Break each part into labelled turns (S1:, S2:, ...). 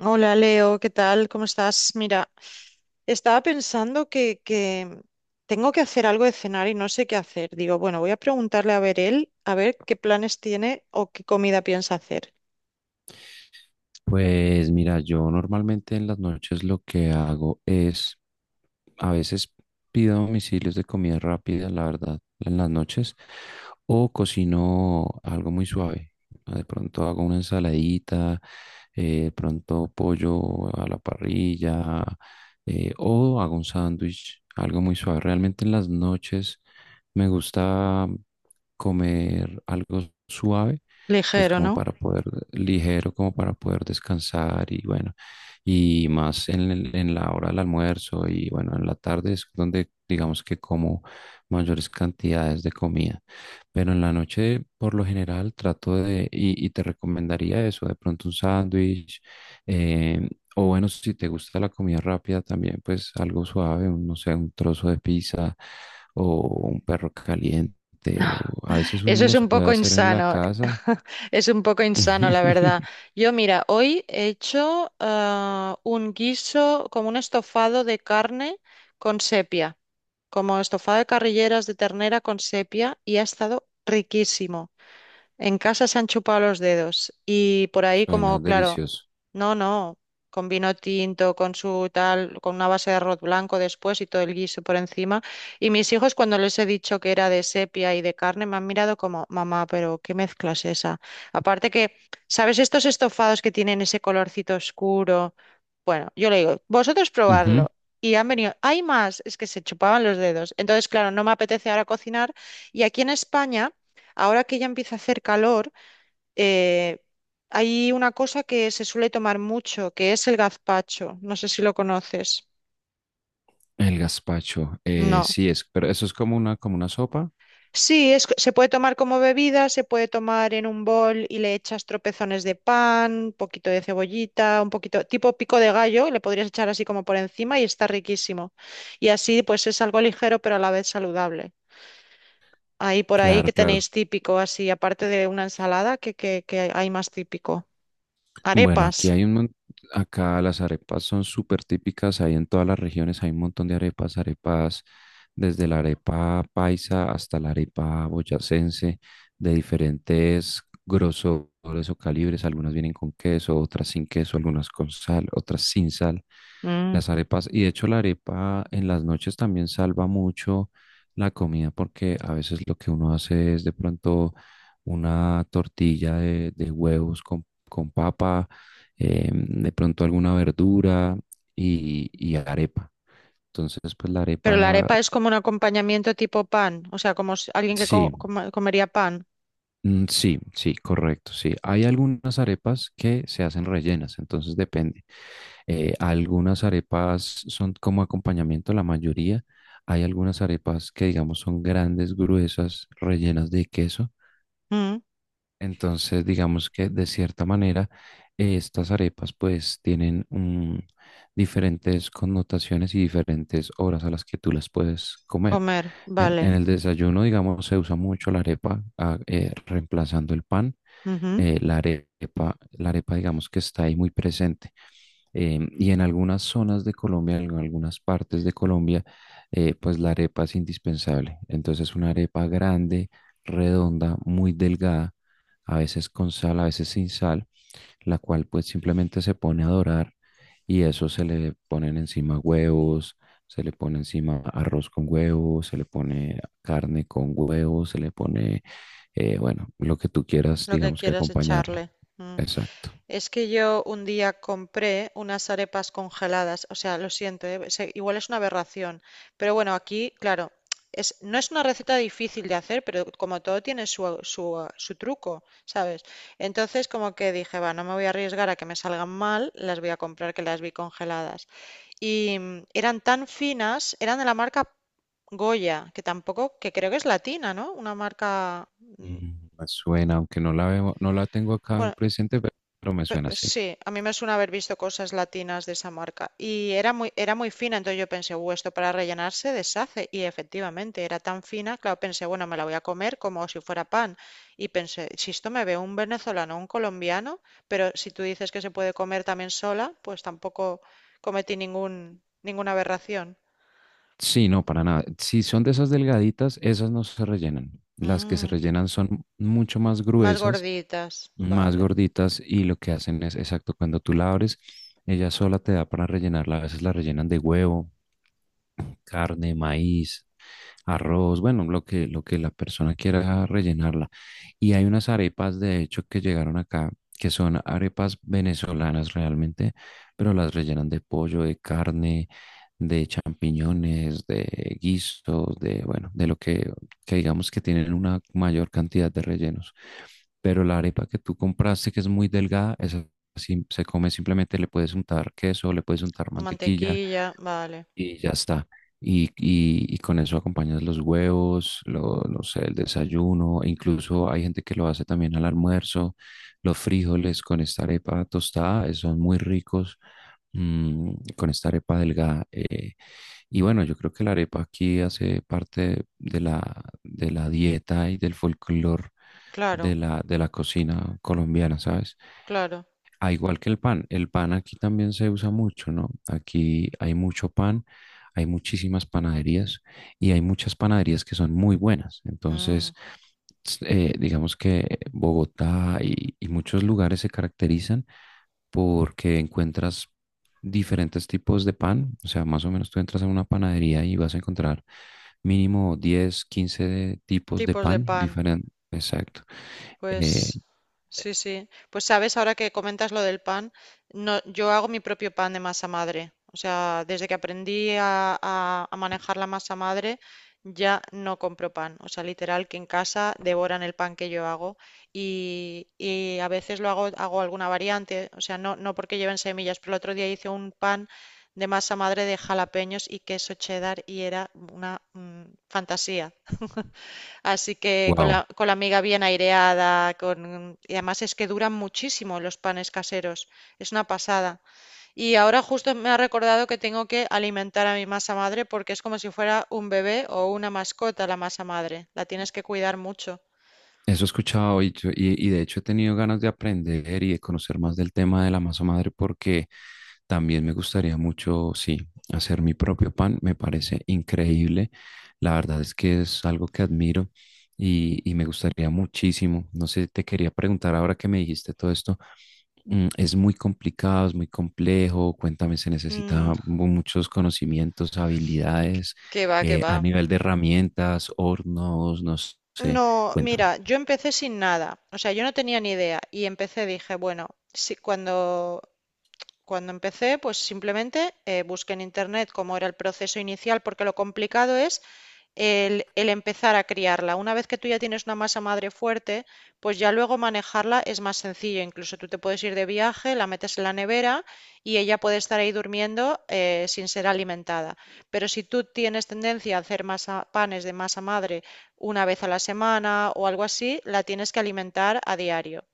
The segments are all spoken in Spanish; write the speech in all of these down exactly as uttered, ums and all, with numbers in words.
S1: Hola Leo, ¿qué tal? ¿Cómo estás? Mira, estaba pensando que, que tengo que hacer algo de cenar y no sé qué hacer. Digo, bueno, voy a preguntarle a ver él, a ver qué planes tiene o qué comida piensa hacer.
S2: Pues mira, yo normalmente en las noches lo que hago es, a veces pido domicilios de comida rápida, la verdad, en las noches, o cocino algo muy suave. De pronto hago una ensaladita, eh, de pronto pollo a la parrilla, eh, o hago un sándwich, algo muy suave. Realmente en las noches me gusta comer algo suave pues
S1: Ligero,
S2: como
S1: ¿no?
S2: para poder, ligero, como para poder descansar y bueno, y más en, el- en la hora del almuerzo y bueno, en la tarde es donde digamos que como mayores cantidades de comida, pero en la noche por lo general trato de, y, y te recomendaría eso, de pronto un sándwich, eh, o bueno, si te gusta la comida rápida también, pues algo suave, un, no sé, un trozo de pizza o un perro caliente. O a veces uno
S1: Eso es
S2: los
S1: un
S2: puede
S1: poco
S2: hacer en la
S1: insano,
S2: casa.
S1: es un poco insano, la verdad. Yo, mira, hoy he hecho ah, un guiso como un estofado de carne con sepia, como estofado de carrilleras de ternera con sepia y ha estado riquísimo. En casa se han chupado los dedos y por ahí
S2: Suena
S1: como, claro,
S2: delicioso.
S1: no, no, con vino tinto, con su tal, con una base de arroz blanco después y todo el guiso por encima. Y mis hijos cuando les he dicho que era de sepia y de carne me han mirado como, mamá, pero ¿qué mezcla es esa? Aparte que, ¿sabes estos estofados que tienen ese colorcito oscuro? Bueno, yo le digo, vosotros
S2: Ujú.
S1: probarlo. Y han venido, hay más, es que se chupaban los dedos. Entonces, claro, no me apetece ahora cocinar. Y aquí en España… Ahora que ya empieza a hacer calor, eh, hay una cosa que se suele tomar mucho, que es el gazpacho. No sé si lo conoces.
S2: El gazpacho, eh,
S1: No.
S2: sí es, pero eso es como una, como una sopa.
S1: Sí, es, se puede tomar como bebida, se puede tomar en un bol y le echas tropezones de pan, un poquito de cebollita, un poquito, tipo pico de gallo, le podrías echar así como por encima y está riquísimo. Y así pues es algo ligero pero a la vez saludable. Ahí por ahí
S2: Claro,
S1: que
S2: claro.
S1: tenéis típico así, aparte de una ensalada, que, ¿hay más típico?
S2: Bueno,
S1: Arepas.
S2: aquí hay un, mon- acá las arepas son súper típicas, hay en todas las regiones, hay un montón de arepas, arepas desde la arepa paisa hasta la arepa boyacense, de diferentes grosores o calibres. Algunas vienen con queso, otras sin queso, algunas con sal, otras sin sal.
S1: Mm.
S2: Las arepas, y de hecho la arepa en las noches también salva mucho la comida porque a veces lo que uno hace es de pronto una tortilla de, de huevos con, con papa, eh, de pronto alguna verdura y, y arepa. Entonces, pues la
S1: Pero la
S2: arepa,
S1: arepa es como un acompañamiento tipo pan, o sea, como si- alguien que co-
S2: sí.
S1: coma- comería pan.
S2: Mm, sí, sí, correcto, sí. Hay algunas arepas que se hacen rellenas, entonces depende. Eh, algunas arepas son como acompañamiento, la mayoría. Hay algunas arepas que, digamos, son grandes, gruesas, rellenas de queso.
S1: Mm,
S2: Entonces, digamos que de cierta manera, eh, estas arepas pues tienen mm, diferentes connotaciones y diferentes horas a las que tú las puedes comer.
S1: comer,
S2: En, en
S1: vale.
S2: el desayuno, digamos, se usa mucho la arepa ah, eh, reemplazando el pan.
S1: Ujú.
S2: Eh, la arepa, la arepa digamos que está ahí muy presente. Eh, y en algunas zonas de Colombia, en algunas partes de Colombia, eh, pues la arepa es indispensable. Entonces una arepa grande, redonda, muy delgada, a veces con sal, a veces sin sal, la cual pues simplemente se pone a dorar y eso se le ponen encima huevos. Se le pone encima arroz con huevos, se le pone carne con huevos, se le pone, eh, bueno, lo que tú quieras,
S1: Lo que
S2: digamos que
S1: quieras echarle.
S2: acompañarla.
S1: Mm.
S2: Exacto.
S1: Es que yo un día compré unas arepas congeladas, o sea, lo siento, eh, se- igual es una aberración, pero bueno, aquí, claro, es, no es una receta difícil de hacer, pero como todo tiene su, su, ah, su truco, ¿sabes? Entonces como que dije, va, no me voy a arriesgar a que me salgan mal, las voy a comprar que las vi congeladas. Y mm, eran tan finas, eran de la marca Goya, que tampoco, que creo que es latina, ¿no? Una marca, mm,
S2: Mm, me suena, aunque no la veo, no la tengo acá
S1: bueno,
S2: presente, pe- pero me
S1: pe-
S2: suena así.
S1: sí, a mí me suena haber visto cosas latinas de esa marca. Y era muy, era muy fina, entonces yo pensé, "Uh, esto para rellenarse deshace". Y efectivamente, era tan fina, claro, pensé, bueno, me la voy a comer como si fuera pan. Y pensé, si esto me ve un venezolano, un colombiano, pero si tú dices que se puede comer también sola, pues tampoco cometí ningún, ninguna aberración.
S2: Sí, no, para nada. Si son de esas delgaditas, esas no se rellenan. Las que se
S1: Mm.
S2: rellenan son mucho más
S1: Más
S2: gruesas,
S1: gorditas,
S2: más
S1: vale.
S2: gorditas, y lo que hacen es, exacto, cuando tú la abres, ella sola te da para rellenarla. A veces la rellenan de huevo, carne, maíz, arroz, bueno, lo que, lo que la persona quiera rellenarla. Y hay unas arepas, de hecho, que llegaron acá, que son arepas venezolanas realmente, pero las rellenan de pollo, de carne, de champiñones, de guisos, de, bueno, de lo que, que digamos que tienen una mayor cantidad de rellenos. Pero la arepa que tú compraste, que es muy delgada, esa sí se come simplemente, le puedes untar queso, le puedes untar mantequilla
S1: Mantequilla, vale.
S2: y ya está. Y, y- y con eso acompañas los huevos, lo- no sé, el desayuno, e incluso hay gente que lo hace también al almuerzo. Los frijoles con esta arepa tostada eh, son muy ricos, mm, con esta arepa delgada. Eh, y bueno, yo creo que la arepa aquí hace parte de la, de la dieta y del folclore
S1: Claro,
S2: de la, de la cocina colombiana, ¿sabes?
S1: claro.
S2: Ah, igual que el pan, el pan aquí también se usa mucho, ¿no? Aquí hay mucho pan, hay muchísimas panaderías y hay muchas panaderías que son muy buenas. Entonces,
S1: Mm.
S2: s- eh, digamos que Bogotá y, y muchos lugares se caracterizan porque encuentras diferentes tipos de pan. O sea, más o menos tú entras a una panadería y vas a encontrar mínimo diez o quince tipos de
S1: Tipos de
S2: pan
S1: pan.
S2: diferentes. Exacto.
S1: Pues sí, sí. Pues sabes, ahora que comentas lo del pan, no, yo hago mi propio pan de masa madre. O sea, desde que aprendí a, a- a manejar la masa madre, ya no compro pan. O sea, literal que en casa devoran el pan que yo hago y, y a veces lo hago, hago alguna variante. O sea, no, no porque lleven semillas, pero el otro día hice un pan de masa madre de jalapeños y queso cheddar y era una mm, fantasía. Así que con la,
S2: Wow.
S1: con la miga bien aireada, con… y además es que duran muchísimo los panes caseros, es una pasada. Y ahora justo me ha recordado que tengo que alimentar a mi masa madre porque es como si fuera un bebé o una mascota la masa madre, la tienes que cuidar mucho.
S2: Eso he escuchado, y, yo- y- y de hecho he tenido ganas de aprender y de conocer más del tema de la masa madre porque también me gustaría mucho, sí, hacer mi propio pan. Me parece increíble. La verdad es que es algo que admiro y, y me gustaría muchísimo. No sé, te quería preguntar ahora que me dijiste todo esto. mm, ¿Es muy complicado, es muy complejo? Cuéntame, se
S1: Mm,
S2: necesita mu- muchos conocimientos, habilidades,
S1: qué va, qué
S2: eh,
S1: va.
S2: a nivel de herramientas, hornos, no sé.
S1: No, mira,
S2: Cuéntame.
S1: yo empecé sin nada, o sea, yo no tenía ni idea y empecé, dije, bueno, si cuando cuando empecé, pues simplemente eh, busqué en internet cómo era el proceso inicial, porque lo complicado es el, el empezar a criarla. Una vez que tú ya tienes una masa madre fuerte, pues ya luego manejarla es más sencillo. Incluso tú te puedes ir de viaje, la metes en la nevera y ella puede estar ahí durmiendo eh, sin ser alimentada. Pero si tú tienes tendencia a hacer masa- panes de masa madre una vez a la semana o algo así, la tienes que alimentar a diario.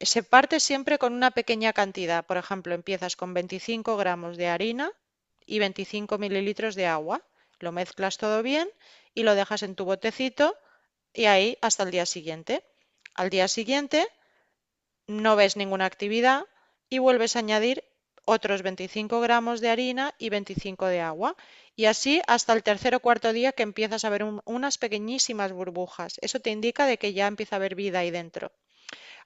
S1: Se parte siempre con una pequeña cantidad, por ejemplo, empiezas con veinticinco gramos de harina y veinticinco mililitros de agua, lo mezclas todo bien y lo dejas en tu botecito y ahí hasta el día siguiente. Al día siguiente no ves ninguna actividad y vuelves a añadir otros veinticinco gramos de harina y veinticinco de agua. Y así hasta el tercer o cuarto día que empiezas a ver un- unas pequeñísimas burbujas. Eso te indica de que ya empieza a haber vida ahí dentro.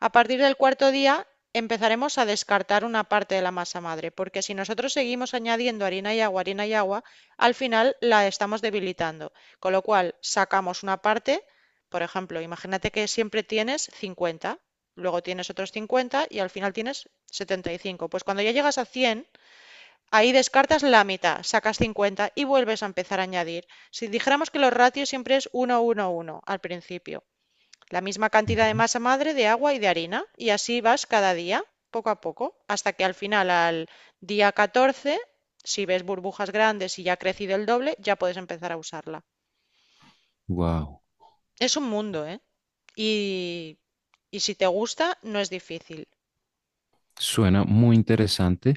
S1: A partir del cuarto día empezaremos a descartar una parte de la masa madre, porque si nosotros seguimos añadiendo harina y agua, harina y agua, al final la estamos debilitando. Con lo cual sacamos una parte, por ejemplo, imagínate que siempre tienes cincuenta, luego tienes otros cincuenta y al final tienes setenta y cinco. Pues cuando ya llegas a cien, ahí descartas la mitad, sacas cincuenta y vuelves a empezar a añadir. Si dijéramos que los ratios siempre es uno, uno, uno al principio. La misma cantidad de masa madre, de agua y de harina. Y así vas cada día, poco a poco, hasta que al final, al día catorce si ves burbujas grandes y ya ha crecido el doble, ya puedes empezar a usarla.
S2: Wow.
S1: Es un mundo, ¿eh? Y, y si te gusta, no es difícil.
S2: Suena muy interesante,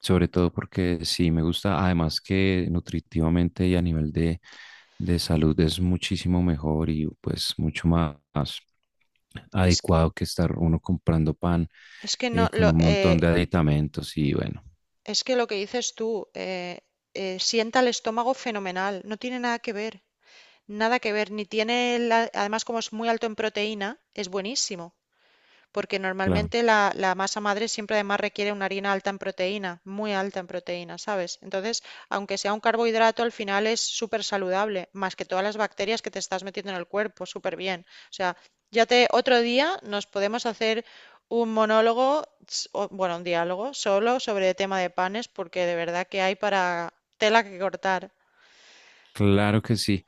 S2: sobre todo porque sí me gusta, además que nutritivamente y a nivel de, de salud es muchísimo mejor y pues mucho más
S1: Es,
S2: adecuado que estar uno comprando pan
S1: es que no,
S2: eh, con
S1: lo,
S2: un
S1: eh,
S2: montón de aditamentos y bueno,
S1: es que lo que dices tú, eh, eh, sienta el estómago fenomenal, no tiene nada que ver. Nada que ver, ni tiene, la- además como es muy alto en proteína, es buenísimo. Porque
S2: claro.
S1: normalmente la, la masa madre siempre además requiere una harina alta en proteína, muy alta en proteína, ¿sabes? Entonces, aunque sea un carbohidrato, al final es súper saludable, más que todas las bacterias que te estás metiendo en el cuerpo, súper bien. O sea, ya te, otro día nos podemos hacer un monólogo, o, bueno, un diálogo solo sobre el tema de panes, porque de verdad que hay para tela que cortar.
S2: Claro que sí.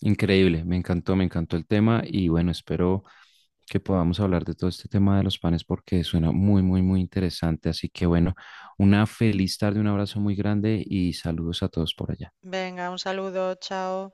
S2: Increíble. Me encantó, me encantó el tema y bueno, espero que podamos hablar de todo este tema de los panes porque suena muy, muy, muy interesante. Así que bueno, una feliz tarde, un abrazo muy grande y saludos a todos por allá.
S1: Venga, un saludo, chao.